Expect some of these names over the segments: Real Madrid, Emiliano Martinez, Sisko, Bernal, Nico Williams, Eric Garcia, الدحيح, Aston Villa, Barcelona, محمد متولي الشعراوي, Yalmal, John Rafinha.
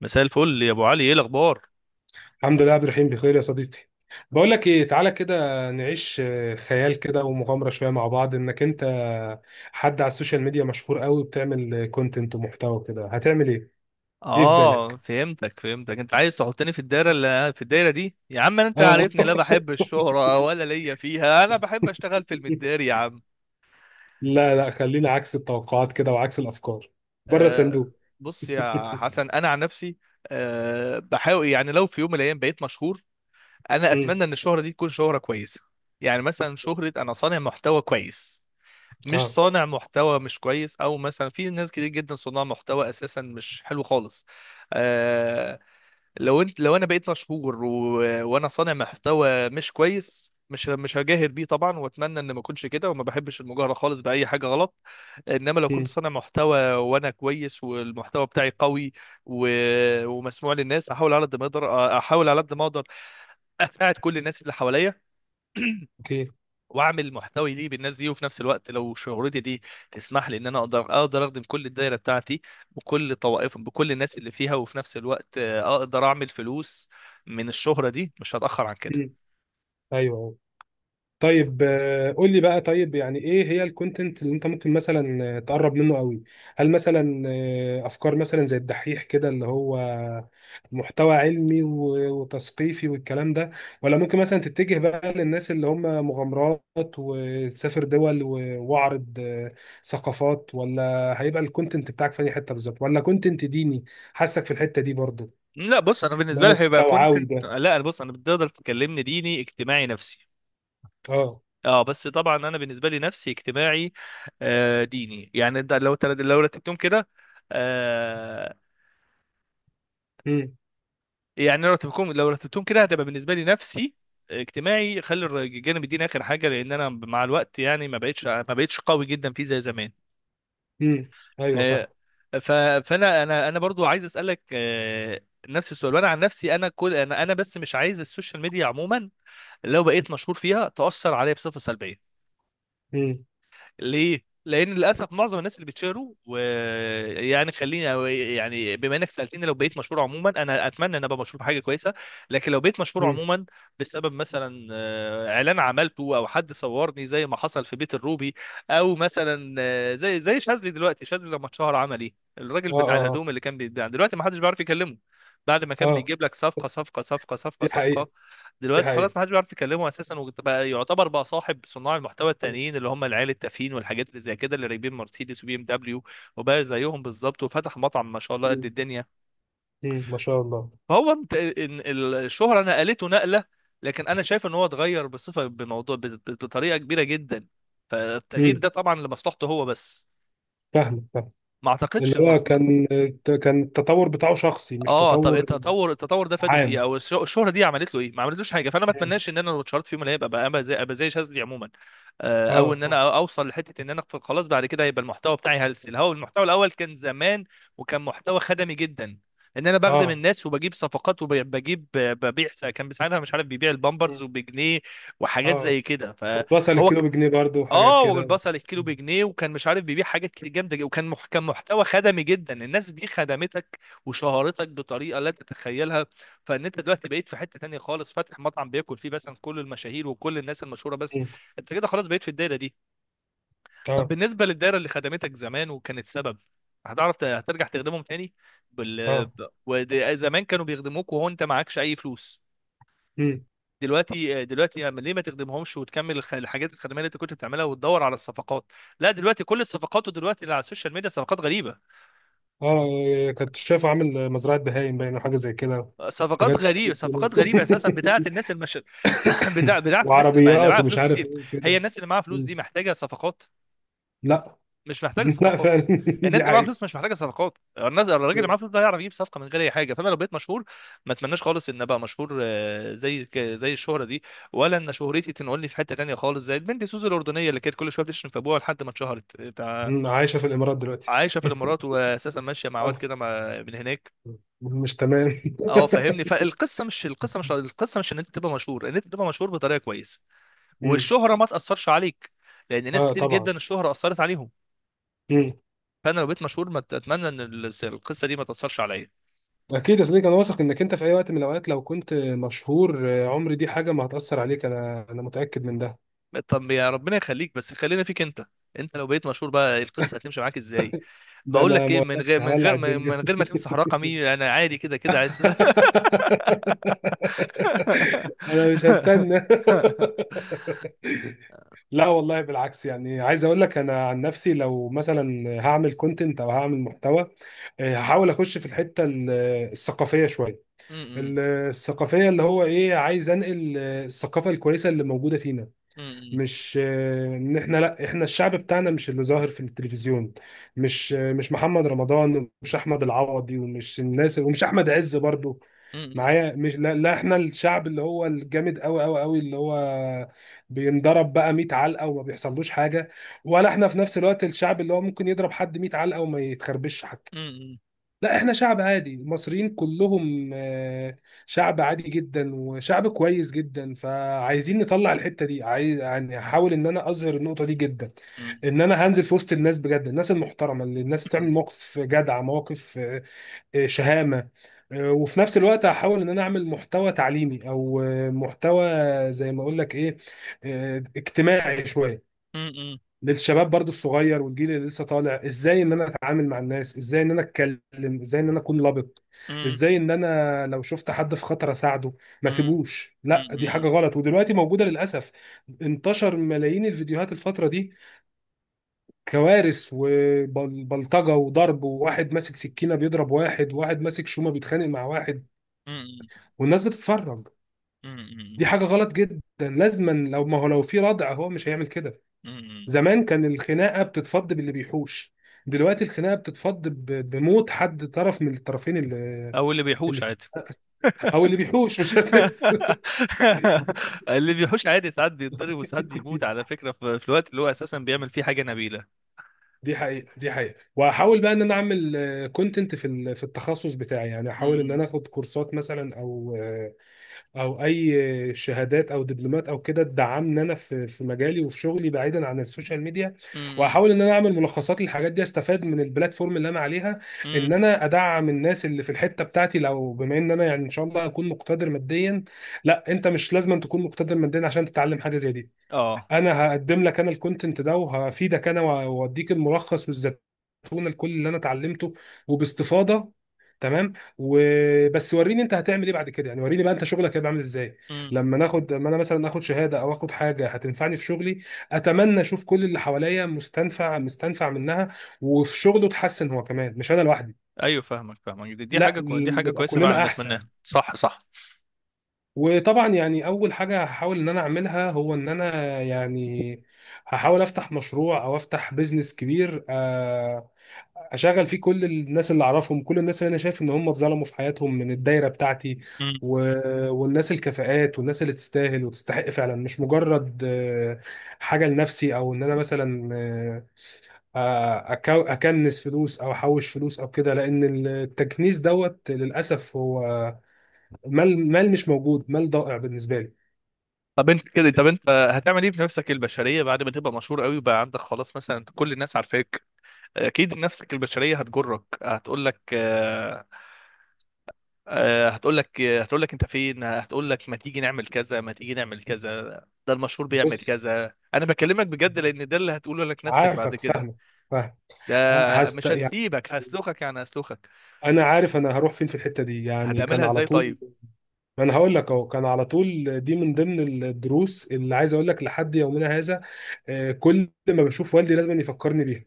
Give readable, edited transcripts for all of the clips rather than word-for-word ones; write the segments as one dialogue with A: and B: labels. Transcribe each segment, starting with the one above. A: مساء الفل يا ابو علي، ايه الاخبار؟
B: الحمد لله يا عبد الرحيم، بخير يا صديقي. بقول لك ايه، تعالى كده نعيش خيال كده ومغامره شويه مع بعض، انك انت حد على السوشيال ميديا مشهور قوي وبتعمل كونتنت ومحتوى كده، هتعمل ايه؟ ايه في
A: اه
B: بالك؟
A: فهمتك فهمتك، انت عايز تحطني في الدايره، في الدايره دي يا عم. انت
B: اه.
A: عارفني، لا بحب الشهره ولا ليا فيها، انا بحب اشتغل في المداري يا عم.
B: لا لا، خلينا عكس التوقعات كده وعكس الافكار، بره
A: آه
B: الصندوق.
A: بص يا حسن، انا عن نفسي بحاول، يعني لو في يوم من الايام بقيت مشهور، انا
B: مم.
A: اتمنى ان الشهره دي تكون شهره كويسه. يعني مثلا شهره انا صانع محتوى كويس، مش
B: اه.
A: صانع محتوى مش كويس، او مثلا في ناس كتير جدا صناع محتوى اساسا مش حلو خالص. آه، لو انا بقيت مشهور وانا صانع محتوى مش كويس، مش هجاهر بيه طبعا، واتمنى ان ما اكونش كده، وما بحبش المجاهره خالص باي حاجه غلط. انما لو كنت
B: مم.
A: صانع محتوى وانا كويس والمحتوى بتاعي قوي و... ومسموع للناس، احاول على قد ما اقدر، احاول على قد ما اقدر اساعد كل الناس اللي حواليا،
B: اوكي.
A: واعمل محتوي ليه بالناس دي. وفي نفس الوقت لو شهرتي دي تسمح لي ان انا اقدر اخدم كل الدايره بتاعتي، وكل طوائف بكل الناس اللي فيها. وفي نفس الوقت اقدر اعمل فلوس من الشهره دي، مش هتاخر عن كده.
B: مم. ايوه، أيوه. طيب قول لي بقى، طيب يعني ايه هي الكونتنت اللي انت ممكن مثلا تقرب منه قوي؟ هل مثلا افكار مثلا زي الدحيح كده اللي هو محتوى علمي وتثقيفي والكلام ده؟ ولا ممكن مثلا تتجه بقى للناس اللي هم مغامرات وتسافر دول واعرض ثقافات؟ ولا هيبقى الكونتنت بتاعك في اي حته بالظبط؟ ولا كونتنت ديني حاسك في الحته دي برضو؟
A: لا بص انا
B: اللي
A: بالنسبه
B: هو
A: لي هيبقى
B: التوعوي
A: كونتنت
B: ده.
A: لا بص، انا بتقدر تكلمني ديني، اجتماعي، نفسي.
B: اه.
A: اه بس طبعا انا بالنسبه لي نفسي، اجتماعي، ديني. يعني ده لو لو رتبتهم كده،
B: امم.
A: يعني لو رتبتهم كده هتبقى بالنسبه لي نفسي، اجتماعي. خلي الجانب الديني اخر حاجه، لان انا مع الوقت يعني ما بقتش قوي جدا فيه زي زمان.
B: امم. ايوه فاهم.
A: آه، ف فانا انا انا برضو عايز اسالك نفس السؤال. وانا عن نفسي، انا كل انا انا بس، مش عايز السوشيال ميديا عموما. لو بقيت مشهور فيها، تاثر عليا بصفه سلبيه.
B: امم.
A: ليه؟ لان للاسف معظم الناس اللي بتشهروا، ويعني خليني، أو يعني بما انك سالتني، لو بقيت مشهور عموما، انا اتمنى ان ابقى مشهور بحاجه كويسه. لكن لو بقيت مشهور
B: امم.
A: عموما بسبب مثلا اعلان عملته، او حد صورني زي ما حصل في بيت الروبي، او مثلا زي شاذلي. دلوقتي شاذلي لما اتشهر عمل ايه؟ الراجل
B: اه
A: بتاع
B: اه آه.
A: الهدوم اللي كان بيتباع، دلوقتي ما حدش بيعرف يكلمه، بعد ما كان
B: اه
A: بيجيب لك صفقه صفقه صفقه صفقه
B: دي
A: صفقه.
B: حقيقة. دي
A: دلوقتي
B: حقيقة.
A: خلاص ما حدش بيعرف يكلمه اساسا، وبقى يعتبر بقى صاحب صناع المحتوى التانيين، اللي هم العيال التافهين والحاجات اللي زي كده، اللي راكبين مرسيدس وبي ام دبليو، وبقى زيهم بالظبط، وفتح مطعم ما شاء الله قد
B: مم.
A: الدنيا.
B: مم. ما شاء الله.
A: فهو انت، إن الشهرة نقلته نقلة. لكن انا شايف ان هو اتغير بطريقة كبيرة جدا. فالتغيير
B: مم.
A: ده طبعا لمصلحته هو بس،
B: فاهم فاهم.
A: ما
B: اللي
A: اعتقدش.
B: هو كان، كان التطور بتاعه شخصي، مش
A: اه، طب
B: تطور
A: التطور، ده فاده في ايه؟
B: عام.
A: او الشهره دي عملت له ايه؟ ما عملتلوش حاجه. فانا ما
B: مم.
A: اتمناش ان انا لو اتشهرت في يوم من الايام ابقى زي شاذلي عموما.
B: اه
A: او ان انا
B: اه
A: اوصل لحته ان انا خلاص بعد كده هيبقى المحتوى بتاعي هلس. هو المحتوى الاول كان زمان، وكان محتوى خدمي جدا، ان انا بخدم
B: اه.
A: الناس وبجيب صفقات، ببيع. كان ساعتها مش عارف بيبيع البامبرز
B: مم.
A: وبجنيه، وحاجات
B: اه،
A: زي كده.
B: وصل
A: فهو،
B: الكيلو بجنيه برضه وحاجات
A: اه،
B: كده.
A: والبصل الكيلو بجنيه، وكان مش عارف بيبيع حاجات كتير جامده جدا. وكان كان محتوى خدمي جدا. الناس دي خدمتك وشهرتك بطريقه لا تتخيلها. فان انت دلوقتي بقيت في حته تانية خالص، فاتح مطعم بياكل فيه مثلا كل المشاهير وكل الناس المشهوره بس.
B: مم.
A: انت كده خلاص بقيت في الدايره دي. طب
B: اه
A: بالنسبه للدايره اللي خدمتك زمان وكانت سبب، هتعرف هترجع تخدمهم تاني؟
B: اه.
A: زمان كانوا بيخدموك وهو انت معكش اي فلوس.
B: مم.
A: دلوقتي، أما ليه ما تخدمهمش، وتكمل الحاجات الخدميه اللي انت كنت بتعملها، وتدور على الصفقات؟ لا، دلوقتي كل الصفقات دلوقتي اللي على السوشيال ميديا،
B: اه كنت شايفه عامل مزرعة بهايم باين أو حاجة زي كده، حاجات 600 كيلو
A: صفقات غريبه اساسا، بتاعه الناس المش بتاعه الناس اللي
B: وعربيات
A: معاها
B: ومش
A: فلوس
B: عارف
A: كتير.
B: ايه
A: هي
B: كده.
A: الناس اللي معاها فلوس
B: مم.
A: دي محتاجه صفقات؟
B: لا.
A: مش محتاج
B: لا
A: صفقات.
B: فعلا.
A: الناس
B: دي
A: اللي معاها
B: حقيقة.
A: فلوس مش محتاجه صفقات. الناس، الراجل اللي معاه فلوس ده هيعرف يجيب صفقه من غير اي حاجه. فانا لو بقيت مشهور، ما اتمناش خالص ان ابقى مشهور، زي الشهره دي، ولا ان شهرتي تنقلني في حته تانيه خالص، زي البنت سوزي الاردنيه اللي كانت كل شويه بتشتم في ابوها لحد ما اتشهرت
B: مم، عايشة في الإمارات دلوقتي.
A: عايشه في الامارات، واساسا ماشيه مع واد
B: آه،
A: كده من هناك.
B: مش تمام.
A: اه فاهمني، فالقصه مش ان انت تبقى مشهور بطريقه كويسه،
B: مم.
A: والشهره ما تاثرش عليك، لان ناس
B: اه
A: كتير
B: طبعا.
A: جدا الشهره اثرت عليهم.
B: مم.
A: فانا لو بقيت مشهور، ما اتمنى ان القصه دي ما تاثرش عليا.
B: اكيد يا صديقي، انا واثق انك انت في اي وقت من الاوقات لو كنت مشهور عمري دي حاجه ما هتاثر عليك، انا متاكد من ده.
A: طب يا ربنا يخليك، بس خلينا فيك انت، انت لو بقيت مشهور بقى، القصه هتمشي معاك ازاي؟
B: ده
A: بقول
B: انا
A: لك ايه،
B: ما
A: من غير
B: اقولكش
A: من
B: هولع
A: غير من من
B: الدنيا.
A: غير ما تمسح رقمي، انا عادي كده كده عايز
B: انا مش هستنى. لا والله بالعكس، يعني عايز اقول لك انا عن نفسي لو مثلا هعمل كونتنت او هعمل محتوى، هحاول اخش في الحته الثقافيه شويه.
A: م-
B: الثقافية اللي هو ايه، عايز انقل الثقافة الكويسة اللي موجودة فينا،
A: م-
B: مش ان احنا، لا احنا الشعب بتاعنا مش اللي ظاهر في التلفزيون. مش مش محمد رمضان ومش احمد العوضي ومش الناس ومش احمد عز برضو.
A: م- م-
B: معايا مش لا, لا احنا الشعب اللي هو الجامد قوي قوي قوي، اللي هو بينضرب بقى 100 علقة وما بيحصلوش حاجة، ولا احنا في نفس الوقت الشعب اللي هو ممكن يضرب حد 100 علقة وما يتخربش حتى.
A: م-
B: لا احنا شعب عادي، المصريين كلهم شعب عادي جدا وشعب كويس جدا، فعايزين نطلع الحتة دي. عايز يعني هحاول ان انا اظهر النقطة دي جدا،
A: م-
B: ان انا هنزل في وسط الناس بجد، الناس المحترمة اللي الناس تعمل مواقف جدعة، مواقف شهامة. وفي نفس الوقت هحاول ان انا اعمل محتوى تعليمي او محتوى، زي ما اقول لك ايه، اجتماعي شوية
A: م- م- م-
B: للشباب برضو الصغير والجيل اللي لسه طالع، ازاي ان انا اتعامل مع الناس، ازاي ان انا اتكلم، ازاي ان انا اكون لبق،
A: م- م-
B: ازاي ان انا لو شفت حد في خطر اساعده، ما
A: م- م-
B: سيبوش. لا
A: م-
B: دي
A: م-
B: حاجة غلط ودلوقتي موجودة للأسف. انتشر ملايين الفيديوهات الفترة دي، كوارث وبلطجة وضرب، وواحد ماسك سكينة بيضرب واحد، وواحد ماسك شومة بيتخانق مع واحد، والناس بتتفرج.
A: م-
B: دي
A: م-
B: حاجة غلط جدا، لازما لو، ما هو لو في ردع هو مش هيعمل كده.
A: م- م-
B: زمان كان الخناقه بتتفض باللي بيحوش، دلوقتي الخناقه بتتفض بموت حد طرف من الطرفين، اللي,
A: او اللي بيحوش
B: اللي
A: عادي.
B: او اللي بيحوش مش
A: اللي بيحوش عادي ساعات بيتضرب وساعات بيموت، على فكرة، في الوقت اللي هو أساسا بيعمل فيه حاجة نبيلة.
B: دي حقيقه دي حقيقه. واحاول بقى ان انا اعمل كونتنت في في التخصص بتاعي، يعني احاول ان
A: امم.
B: انا اخد كورسات مثلا او اي شهادات او دبلومات او كده تدعمني انا في في مجالي وفي شغلي بعيدا عن السوشيال ميديا.
A: امم.
B: واحاول ان انا اعمل ملخصات للحاجات دي، استفاد من البلاتفورم اللي انا عليها،
A: امم.
B: ان انا ادعم الناس اللي في الحته بتاعتي لو، بما ان انا يعني ان شاء الله اكون مقتدر ماديا. لا انت مش لازم أن تكون مقتدر ماديا عشان تتعلم حاجه زي دي.
A: اه.
B: انا هقدم لك انا الكونتنت ده وهفيدك انا، واوديك الملخص والزتونه لكل اللي انا اتعلمته وباستفاضه. تمام، وبس وريني انت هتعمل ايه بعد كده، يعني وريني بقى انت شغلك هيبقى عامل ازاي
A: امم.
B: لما ناخد، لما انا مثلا اخد شهاده او اخد حاجه هتنفعني في شغلي، اتمنى اشوف كل اللي حواليا مستنفع مستنفع منها وفي شغله اتحسن هو كمان مش انا لوحدي.
A: ايوه، فاهمك فاهمك،
B: لا
A: دي حاجة
B: نبقى
A: كويسة فعلا
B: كلنا احسن.
A: نتمناها. صح صح.
B: وطبعا يعني اول حاجه هحاول ان انا اعملها، هو ان انا يعني هحاول افتح مشروع او افتح بيزنس كبير اشغل فيه كل الناس اللي اعرفهم، كل الناس اللي انا شايف ان هم اتظلموا في حياتهم من الدايره بتاعتي،
A: امم.
B: و... والناس الكفاءات والناس اللي تستاهل وتستحق فعلا، مش مجرد حاجه لنفسي، او ان انا مثلا اكنس فلوس او احوش فلوس او كده، لان التكنيس دوت للاسف هو مال، مال مش موجود، مال ضائع بالنسبه لي.
A: طب انت هتعمل ايه بنفسك البشرية بعد ما تبقى مشهور قوي وبقى عندك خلاص مثلا كل الناس عارفاك؟ اكيد نفسك البشرية هتجرك، هتقول لك هتقول لك انت فين، هتقول لك ما تيجي نعمل كذا، ما تيجي نعمل كذا، ده المشهور بيعمل
B: بص،
A: كذا. انا بكلمك بجد، لان ده اللي هتقوله لك نفسك بعد
B: عارفك،
A: كده.
B: فاهمك. فاهم.
A: ده،
B: هست
A: مش
B: يعني.
A: هتسيبك، هسلخك يعني هسلخك.
B: انا عارف انا هروح فين في الحته دي، يعني كان
A: هتعملها
B: على
A: ازاي
B: طول،
A: طيب؟
B: ما انا هقول لك اهو. كان على طول دي من ضمن الدروس اللي عايز اقول لك لحد يومنا هذا، كل ما بشوف والدي لازم يفكرني بيها.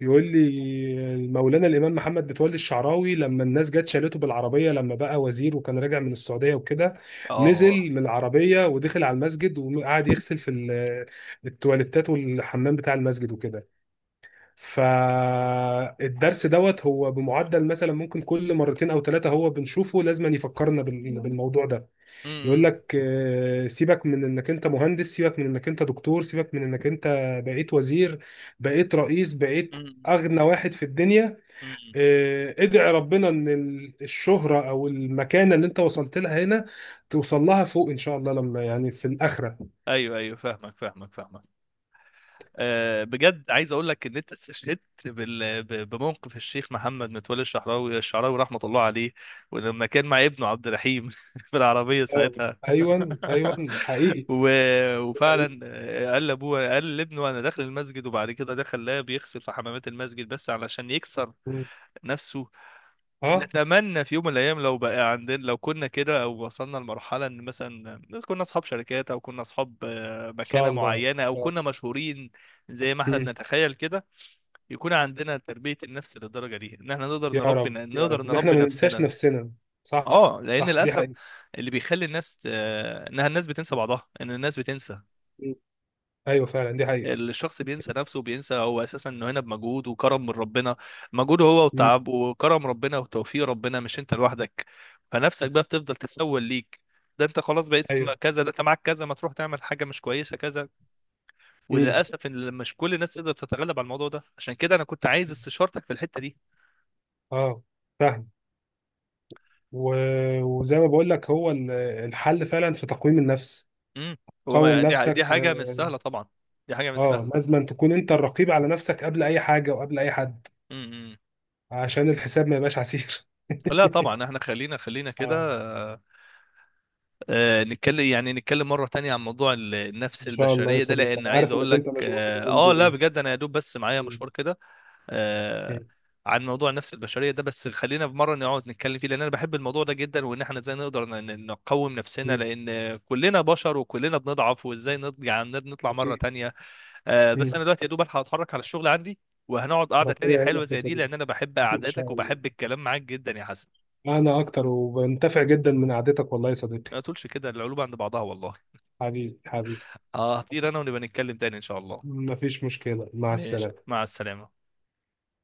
B: يقول لي مولانا الامام محمد متولي الشعراوي لما الناس جت شالته بالعربيه لما بقى وزير وكان راجع من السعوديه وكده،
A: اه.
B: نزل من العربيه ودخل على المسجد وقعد يغسل في التواليتات والحمام بتاع المسجد وكده. فالدرس دوت هو بمعدل مثلا ممكن كل مرتين او ثلاثه هو بنشوفه، لازم يفكرنا بالموضوع ده. يقول
A: امم.
B: لك سيبك من انك انت مهندس، سيبك من انك انت دكتور، سيبك من انك انت بقيت وزير، بقيت رئيس، بقيت
A: امم.
B: اغنى واحد في الدنيا.
A: أمم.
B: ادعي ربنا ان الشهره او المكانه اللي انت وصلت لها هنا، توصل لها فوق ان شاء الله لما يعني في الاخره.
A: ايوه ايوه، فاهمك فاهمك فاهمك. بجد عايز اقول لك ان انت استشهدت بموقف الشيخ محمد متولي الشعراوي رحمه الله عليه، ولما كان مع ابنه عبد الرحيم في العربيه
B: اه
A: ساعتها.
B: ايوه ايوه حقيقي. حقيقي.
A: وفعلا قال لابنه انا داخل المسجد، وبعد كده دخل لا بيغسل في حمامات المسجد بس علشان يكسر نفسه.
B: اه.
A: نتمنى في يوم من الايام لو بقى عندنا، لو كنا كده او وصلنا لمرحله ان مثلا كنا اصحاب شركات، او كنا اصحاب
B: ان شاء
A: مكانه
B: الله ان
A: معينه، او
B: شاء
A: كنا
B: الله.
A: مشهورين، زي ما احنا
B: مم.
A: بنتخيل كده، يكون عندنا تربيه النفس للدرجه دي، ان احنا
B: يا رب يا
A: نقدر
B: رب ان احنا
A: نربي
B: ما ننساش
A: نفسنا.
B: نفسنا. صح
A: اه لان
B: صح دي
A: للاسف،
B: حقيقة.
A: اللي بيخلي الناس انها الناس بتنسى بعضها، ان الناس بتنسى.
B: مم. ايوه فعلا دي حقيقة.
A: الشخص بينسى نفسه، وبينسى هو اساسا انه هنا بمجهود وكرم من ربنا، مجهوده هو
B: مم.
A: وتعب، وكرم ربنا وتوفيق ربنا، مش انت لوحدك. فنفسك بقى بتفضل تسول ليك: ده انت خلاص بقيت
B: ايوه.
A: كذا، ده انت معاك كذا، ما تروح تعمل حاجه مش كويسه كذا.
B: مم.
A: وللاسف ان مش كل الناس تقدر تتغلب على الموضوع ده، عشان كده انا كنت عايز استشارتك في الحته دي.
B: اه فاهم. و... وزي ما بقول لك هو الحل فعلا في تقويم النفس،
A: امم. هو
B: قوم
A: دي
B: نفسك.
A: حاجه مش سهله طبعا، دي حاجه مش
B: اه،
A: سهله.
B: لازم تكون انت الرقيب على نفسك قبل اي حاجة وقبل اي حد،
A: امم. امم.
B: عشان الحساب ما يبقاش عسير.
A: لا طبعا احنا خلينا خلينا كده
B: اه
A: نتكلم، يعني نتكلم مرة تانية عن موضوع النفس
B: ان شاء الله يا
A: البشرية ده،
B: صديقي،
A: لأن
B: انا
A: عايز
B: عارف
A: أقول
B: انك
A: لك
B: انت مشغول اليومين
A: لا
B: دول.
A: بجد أنا يا دوب بس معايا
B: مم.
A: مشوار كده. آه
B: مم.
A: عن موضوع النفس البشرية ده، بس خلينا في مرة نقعد نتكلم فيه، لأن أنا بحب الموضوع ده جدا، وإن إحنا إزاي نقدر نقوم نفسنا،
B: مم.
A: لأن كلنا بشر وكلنا بنضعف، وإزاي يعني نطلع مرة
B: اكيد.
A: تانية. بس أنا
B: مم.
A: دلوقتي يا دوب ألحق أتحرك على الشغل عندي، وهنقعد قعدة
B: ربنا
A: تانية حلوة
B: يعينك يا
A: زي دي،
B: صديقي.
A: لأن أنا بحب
B: ان شاء
A: قعداتك
B: الله.
A: وبحب الكلام معاك جدا يا حسن.
B: أنا أكتر وبنتفع جدا من قعدتك والله يا صديقي.
A: ما تقولش كده، القلوب عند بعضها والله.
B: حبيبي حبيبي.
A: اه، هطير انا، ونبقى نتكلم تاني ان شاء الله.
B: مفيش مشكلة، مع
A: ماشي،
B: السلامة.
A: مع السلامة.